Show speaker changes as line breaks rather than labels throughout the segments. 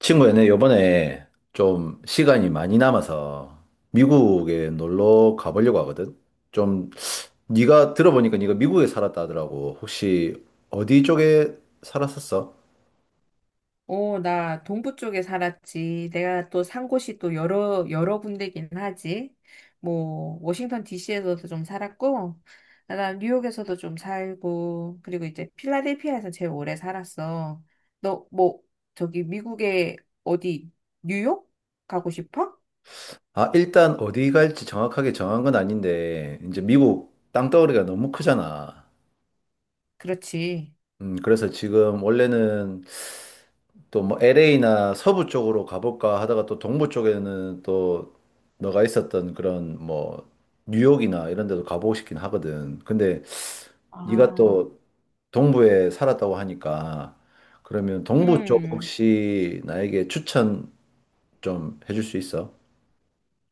친구야, 내 요번에 좀 시간이 많이 남아서 미국에 놀러 가보려고 하거든. 좀 네가 들어보니까 네가 미국에 살았다 하더라고. 혹시 어디 쪽에 살았었어?
어, 나 동부 쪽에 살았지. 내가 또 산 곳이 또 여러 군데긴 하지. 뭐, 워싱턴 DC에서도 좀 살았고, 나 뉴욕에서도 좀 살고, 그리고 이제 필라델피아에서 제일 오래 살았어. 너, 뭐, 저기 미국에 어디, 뉴욕? 가고 싶어?
아, 일단 어디 갈지 정확하게 정한 건 아닌데 이제 미국 땅덩어리가 너무 크잖아.
그렇지.
그래서 지금 원래는 또 뭐 LA나 서부 쪽으로 가볼까 하다가 또 동부 쪽에는 또 너가 있었던 그런 뭐 뉴욕이나 이런 데도 가보고 싶긴 하거든. 근데 네가
아,
또 동부에 살았다고 하니까 그러면 동부 쪽
음,
혹시 나에게 추천 좀 해줄 수 있어?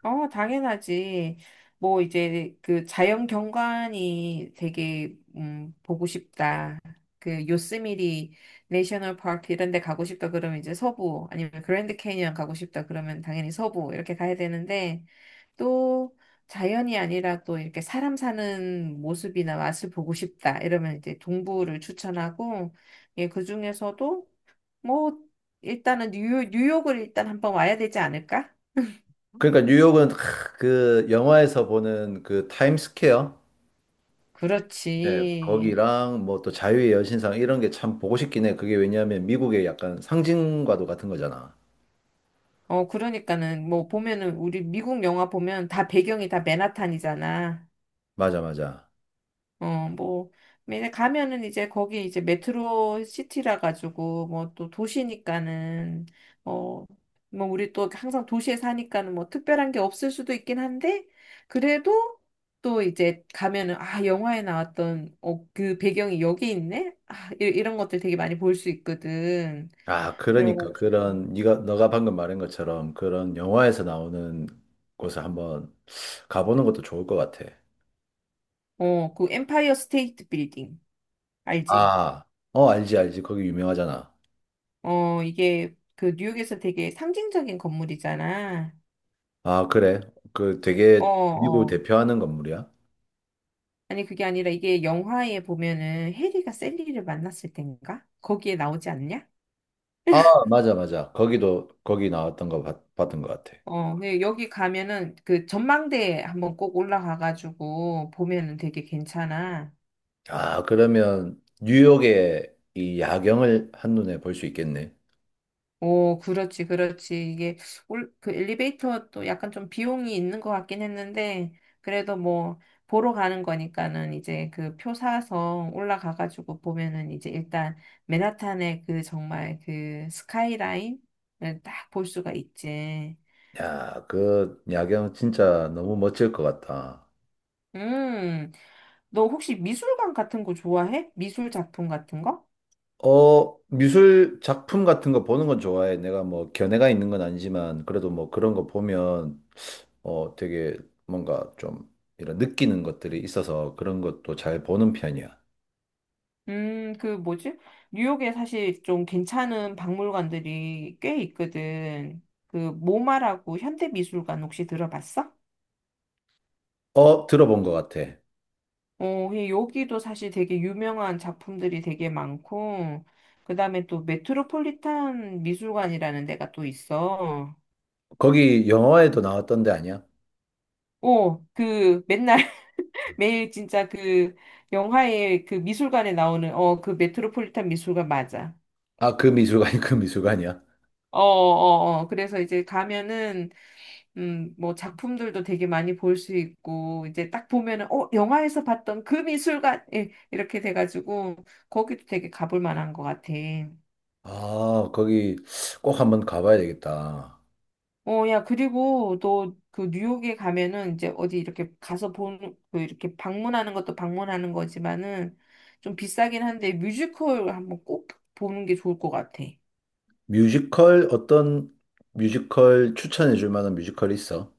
어, 당연하지. 뭐, 이제, 그, 자연 경관이 되게, 보고 싶다. 그, 요스미리 내셔널 파크 이런 데 가고 싶다 그러면 이제 서부, 아니면 그랜드 캐니언 가고 싶다 그러면 당연히 서부, 이렇게 가야 되는데, 또, 자연이 아니라 또 이렇게 사람 사는 모습이나 맛을 보고 싶다. 이러면 이제 동부를 추천하고, 예, 그 중에서도, 뭐, 일단은 뉴욕, 뉴욕을 일단 한번 와야 되지 않을까?
그러니까 뉴욕은 크, 그 영화에서 보는 그 타임스퀘어 네,
그렇지.
거기랑 뭐 또 자유의 여신상 이런 게 참 보고 싶긴 해. 그게 왜냐하면 미국의 약간 상징과도 같은 거잖아.
어, 그러니까는, 뭐, 보면은, 우리 미국 영화 보면 다 배경이 다 맨하탄이잖아.
맞아, 맞아.
어, 뭐, 맨에 가면은 이제 거기 이제 메트로 시티라 가지고, 뭐, 또 도시니까는, 어, 뭐, 우리 또 항상 도시에 사니까는 뭐, 특별한 게 없을 수도 있긴 한데, 그래도 또 이제 가면은, 아, 영화에 나왔던, 어, 그 배경이 여기 있네? 아, 이런 것들 되게 많이 볼 수 있거든.
아, 그러니까
그래가지고,
그런 네가 너가 방금 말한 것처럼 그런 영화에서 나오는 곳을 한번 가보는 것도 좋을 것 같아.
어, 그 엠파이어 스테이트 빌딩, 알지?
아, 어, 알지, 알지. 거기 유명하잖아.
어, 이게 그 뉴욕에서 되게 상징적인 건물이잖아.
아, 그래. 그
어,
되게 미국을
어.
대표하는 건물이야.
아니, 그게 아니라 이게 영화에 보면은 해리가 셀리를 만났을 땐가? 거기에 나오지 않냐?
아, 맞아, 맞아. 거기도, 거기 나왔던 거 봤, 봤던 것 같아.
어, 근데 여기 가면은 그 전망대 한번 꼭 올라가가지고 보면은 되게 괜찮아.
아, 그러면 뉴욕의 이 야경을 한눈에 볼 수 있겠네.
오, 그렇지, 그렇지. 이게 올, 그 엘리베이터도 약간 좀 비용이 있는 것 같긴 했는데, 그래도 뭐, 보러 가는 거니까는 이제 그 표 사서 올라가가지고 보면은 이제 일단 맨하탄의 그 정말 그 스카이라인을 딱 볼 수가 있지.
야, 그 야경 진짜 너무 멋질 것 같다.
음, 너 혹시 미술관 같은 거 좋아해? 미술 작품 같은 거?
어, 미술 작품 같은 거 보는 건 좋아해. 내가 뭐 견해가 있는 건 아니지만, 그래도 뭐 그런 거 보면 어, 되게 뭔가 좀 이런 느끼는 것들이 있어서 그런 것도 잘 보는 편이야.
그 뭐지? 뉴욕에 사실 좀 괜찮은 박물관들이 꽤 있거든. 그 모마라고 현대미술관 혹시 들어봤어?
어, 들어본 것 같아.
어, 예, 여기도 사실 되게 유명한 작품들이 되게 많고, 그 다음에 또 메트로폴리탄 미술관이라는 데가 또 있어.
거기 영화에도 나왔던 데 아니야?
오, 그 맨날 매일 진짜 그 영화의 그 미술관에 나오는 어, 그 메트로폴리탄 미술관 맞아.
아, 그 미술관이 그 미술관이야?
어, 어, 어. 그래서 이제 가면은, 뭐 작품들도 되게 많이 볼 수 있고, 이제 딱 보면은, 어, 영화에서 봤던 그 미술관! 예, 이렇게 돼가지고, 거기도 되게 가볼 만한 것 같아.
아, 거기 꼭 한번 가봐야 되겠다.
어, 야, 그리고 또 그 뉴욕에 가면은 이제 어디 이렇게 가서 본, 그 이렇게 방문하는 것도 방문하는 거지만은 좀 비싸긴 한데 뮤지컬 한번 꼭 보는 게 좋을 것 같아.
뮤지컬 어떤 뮤지컬 추천해 줄 만한 뮤지컬 있어?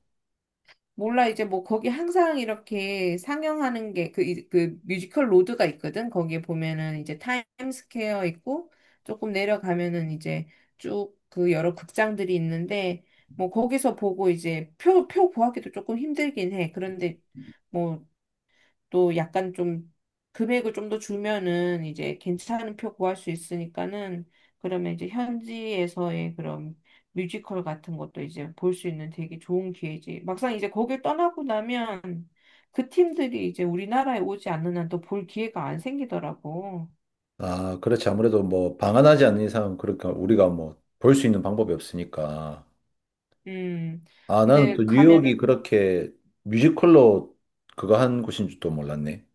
몰라, 이제 뭐 거기 항상 이렇게 상영하는 게 그, 그 뮤지컬 로드가 있거든. 거기에 보면은 이제 타임스퀘어 있고 조금 내려가면은 이제 쭉 그 여러 극장들이 있는데 뭐 거기서 보고 이제 표 구하기도 조금 힘들긴 해. 그런데 뭐 또 약간 좀 금액을 좀 더 주면은 이제 괜찮은 표 구할 수 있으니까는 그러면 이제 현지에서의 그런 뮤지컬 같은 것도 이제 볼 수 있는 되게 좋은 기회지. 막상 이제 거길 떠나고 나면 그 팀들이 이제 우리나라에 오지 않는 한 또 볼 기회가 안 생기더라고.
아, 그렇지. 아무래도 뭐 방한하지 않는 이상은 그러니까 우리가 뭐 볼 수 있는 방법이 없으니까.
음.
아, 나는 또
근데
네. 뉴욕이
가면은
그렇게 뮤지컬로 그거 한 곳인 줄도 몰랐네.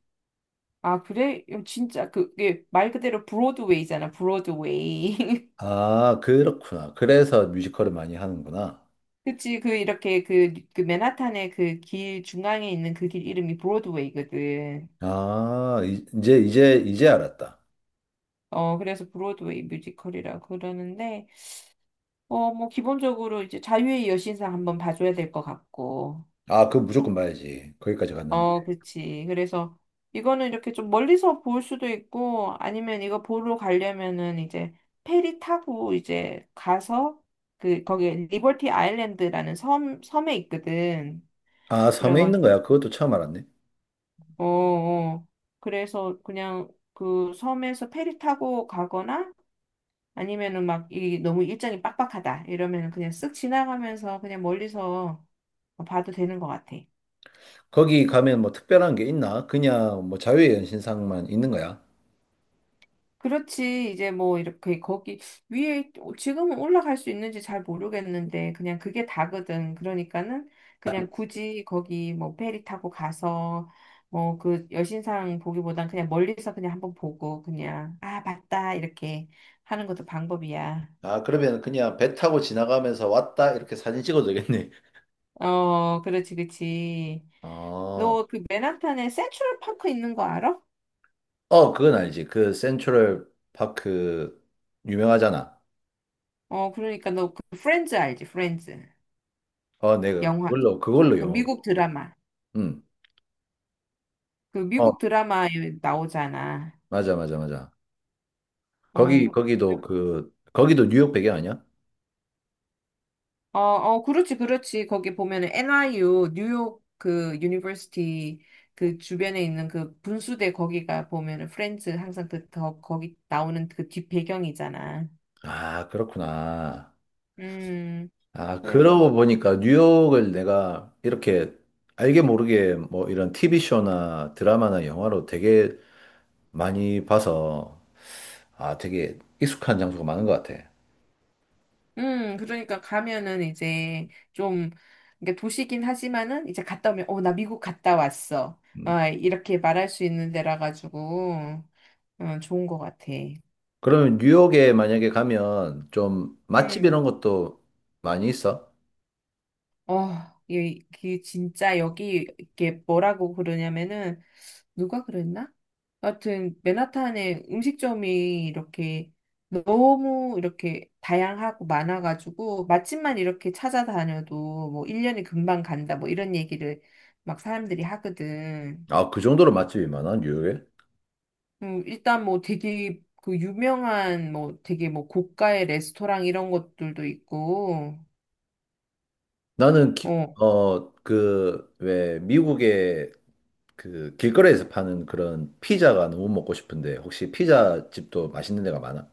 아, 그래? 진짜 그게 말 그대로 브로드웨이잖아, 브로드웨이.
아, 그렇구나. 그래서 뮤지컬을 많이 하는구나.
그치, 그, 이렇게, 그, 그, 맨하탄의 그 길 중앙에 있는 그 길 이름이 브로드웨이거든.
아, 이- 이제 알았다.
어, 그래서 브로드웨이 뮤지컬이라고 그러는데, 어, 뭐, 기본적으로 이제 자유의 여신상 한번 봐줘야 될 것 같고.
아, 그거 무조건 봐야지. 거기까지 갔는데.
어, 그치. 그래서 이거는 이렇게 좀 멀리서 볼 수도 있고, 아니면 이거 보러 가려면은 이제 페리 타고 이제 가서, 그, 거기 리버티 아일랜드라는 섬에 있거든.
아, 섬에 있는
그래가지고,
거야. 그것도 처음 알았네.
어, 어. 그래서 그냥 그 섬에서 페리 타고 가거나 아니면은 막 이 너무 일정이 빡빡하다 이러면은 그냥 쓱 지나가면서 그냥 멀리서 뭐 봐도 되는 것 같아.
거기 가면 뭐 특별한 게 있나? 그냥 뭐 자유의 연신상만 있는 거야.
그렇지. 이제 뭐 이렇게 거기 위에 지금은 올라갈 수 있는지 잘 모르겠는데 그냥 그게 다거든. 그러니까는 그냥 굳이 거기 뭐 페리 타고 가서 뭐 그 여신상 보기보단 그냥 멀리서 그냥 한번 보고 그냥 아, 봤다 이렇게 하는 것도 방법이야.
아, 그러면 그냥 배 타고 지나가면서 왔다 이렇게 사진 찍어도 되겠네.
어, 그렇지, 그렇지.
어,
너 그 맨하탄에 센트럴 파크 있는 거 알아?
어, 그건 알지. 그 센트럴 파크 유명하잖아.
어, 그러니까 너 그 프렌즈 알지? 프렌즈.
어, 내가
영화.
그걸로, 그걸로
그
영어.
미국 드라마.
응.
그
어,
미국 드라마에 나오잖아.
맞아, 맞아, 맞아. 거기,
어,
거기도 그, 거기도 뉴욕 배경 아니야?
어, 어, 그렇지, 그렇지. 거기 보면은 NYU, 뉴욕 그 유니버시티 그 주변에 있는 그 분수대 거기가 보면은 프렌즈 항상 그 더, 거기 나오는 그 뒷배경이잖아.
아, 그렇구나.
음.
아,
그래서
그러고 보니까 뉴욕을 내가 이렇게 알게 모르게 뭐 이런 TV쇼나 드라마나 영화로 되게 많이 봐서 아, 되게 익숙한 장소가 많은 것 같아.
그러니까 가면은 이제 좀, 그러니까 도시긴 하지만은 이제 갔다 오면, 어, 나 미국 갔다 왔어.
음.
아, 이렇게 말할 수 있는 데라 가지고, 어, 좋은 것 같아.
그러면 뉴욕에 만약에 가면 좀 맛집
음.
이런 것도 많이 있어?
어, 이 진짜 여기 이게 뭐라고 그러냐면은 누가 그랬나? 하여튼 맨하탄에 음식점이 이렇게 너무 이렇게 다양하고 많아가지고 맛집만 이렇게 찾아다녀도 뭐 1년이 금방 간다 뭐 이런 얘기를 막 사람들이 하거든.
아, 그 정도로 맛집이 많아, 뉴욕에?
일단 뭐 되게 그 유명한 뭐 되게 뭐 고가의 레스토랑 이런 것들도 있고
나는, 기-
어.
어, 그, 왜, 미국에 그 길거리에서 파는 그런 피자가 너무 먹고 싶은데 혹시 피자 집도 맛있는 데가 많아?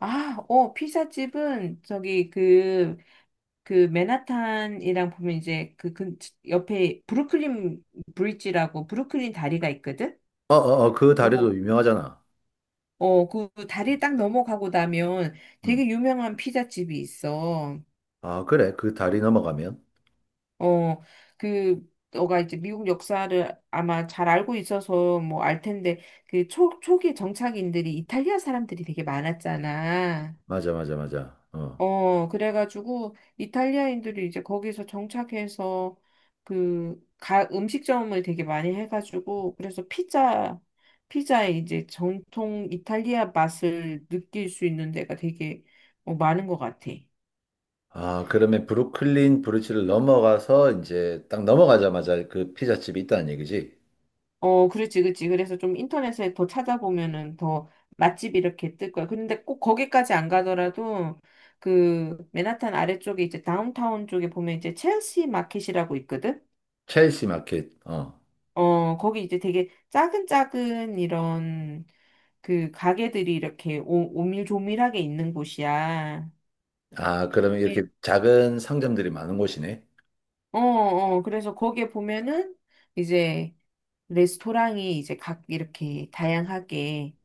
아, 어, 피자집은 저기 그 그 맨하탄이랑 보면 이제 그, 근 옆에 브루클린 브릿지라고 브루클린 다리가 있거든.
어어어 그
그,
다리도 유명하잖아.
어, 그 다리 딱 넘어가고 나면
음.
되게 유명한 피자집이 있어.
아 그래 그 다리 넘어가면
어, 그 너가 이제 미국 역사를 아마 잘 알고 있어서 뭐 알 텐데 그 초기 정착인들이 이탈리아 사람들이 되게 많았잖아.
맞아. 어.
어, 그래가지고 이탈리아인들이 이제 거기서 정착해서 그 가, 음식점을 되게 많이 해가지고 그래서 피자 이제 정통 이탈리아 맛을 느낄 수 있는 데가 되게 어, 많은 것 같아.
아 그러면 브루클린 브루지를 넘어가서 이제 딱 넘어가자마자 그 피자집이 있다는 얘기지?
어, 그렇지, 그렇지. 그래서 좀 인터넷에 더 찾아보면은 더 맛집 이렇게 뜰 거야. 근데 꼭 거기까지 안 가더라도 그 맨하탄 아래쪽에 이제 다운타운 쪽에 보면 이제 첼시 마켓이라고 있거든.
첼시 마켓. 어.
어, 거기 이제 되게 작은 작은 이런 그 가게들이 이렇게 오, 오밀조밀하게 있는 곳이야.
아 그러면
예.
이렇게 작은 상점들이 많은 곳이네.
어, 어, 그래서 거기에 보면은 이제 레스토랑이 이제 각 이렇게 다양하게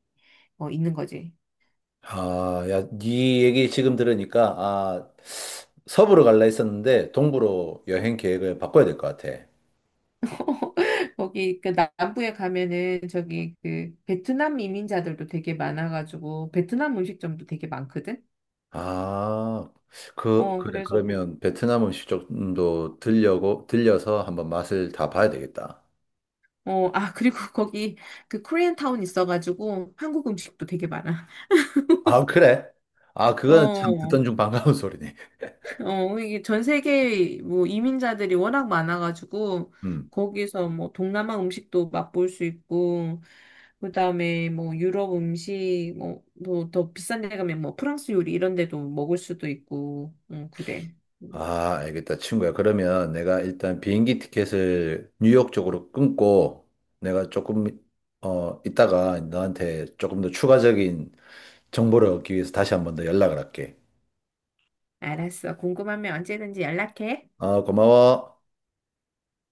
어, 있는 거지.
아, 야, 네 얘기 지금 들으니까, 아, 서부로 갈라 했었는데, 동부로 여행 계획을 바꿔야 될 것 같아.
거기 그 남부에 가면은 저기 그 베트남 이민자들도 되게 많아가지고 베트남 음식점도 되게 많거든.
아, 그,
어,
그래.
그래서 베-
그러면 베트남 음식점도 들려고, 들려서 한번 맛을 다 봐야 되겠다.
어, 아, 그리고 거기 그 코리안 타운 있어가지고 한국 음식도 되게 많아.
아, 그래? 아, 그거는 참
어,
듣던 중 반가운 소리네.
어, 이게 전 세계 뭐 이민자들이 워낙 많아가지고
음.
거기서 뭐 동남아 음식도 맛볼 수 있고 그다음에 뭐 유럽 음식 뭐더 비싼 데 가면 뭐 프랑스 요리 이런 데도 먹을 수도 있고 응, 그래. 음,
아, 알겠다, 친구야. 그러면 내가 일단 비행기 티켓을 뉴욕 쪽으로 끊고 내가 조금, 어, 이따가 너한테 조금 더 추가적인 정보를 얻기 위해서 다시 한번 더 연락을 할게.
알았어. 궁금하면 언제든지 연락해.
아, 고마워.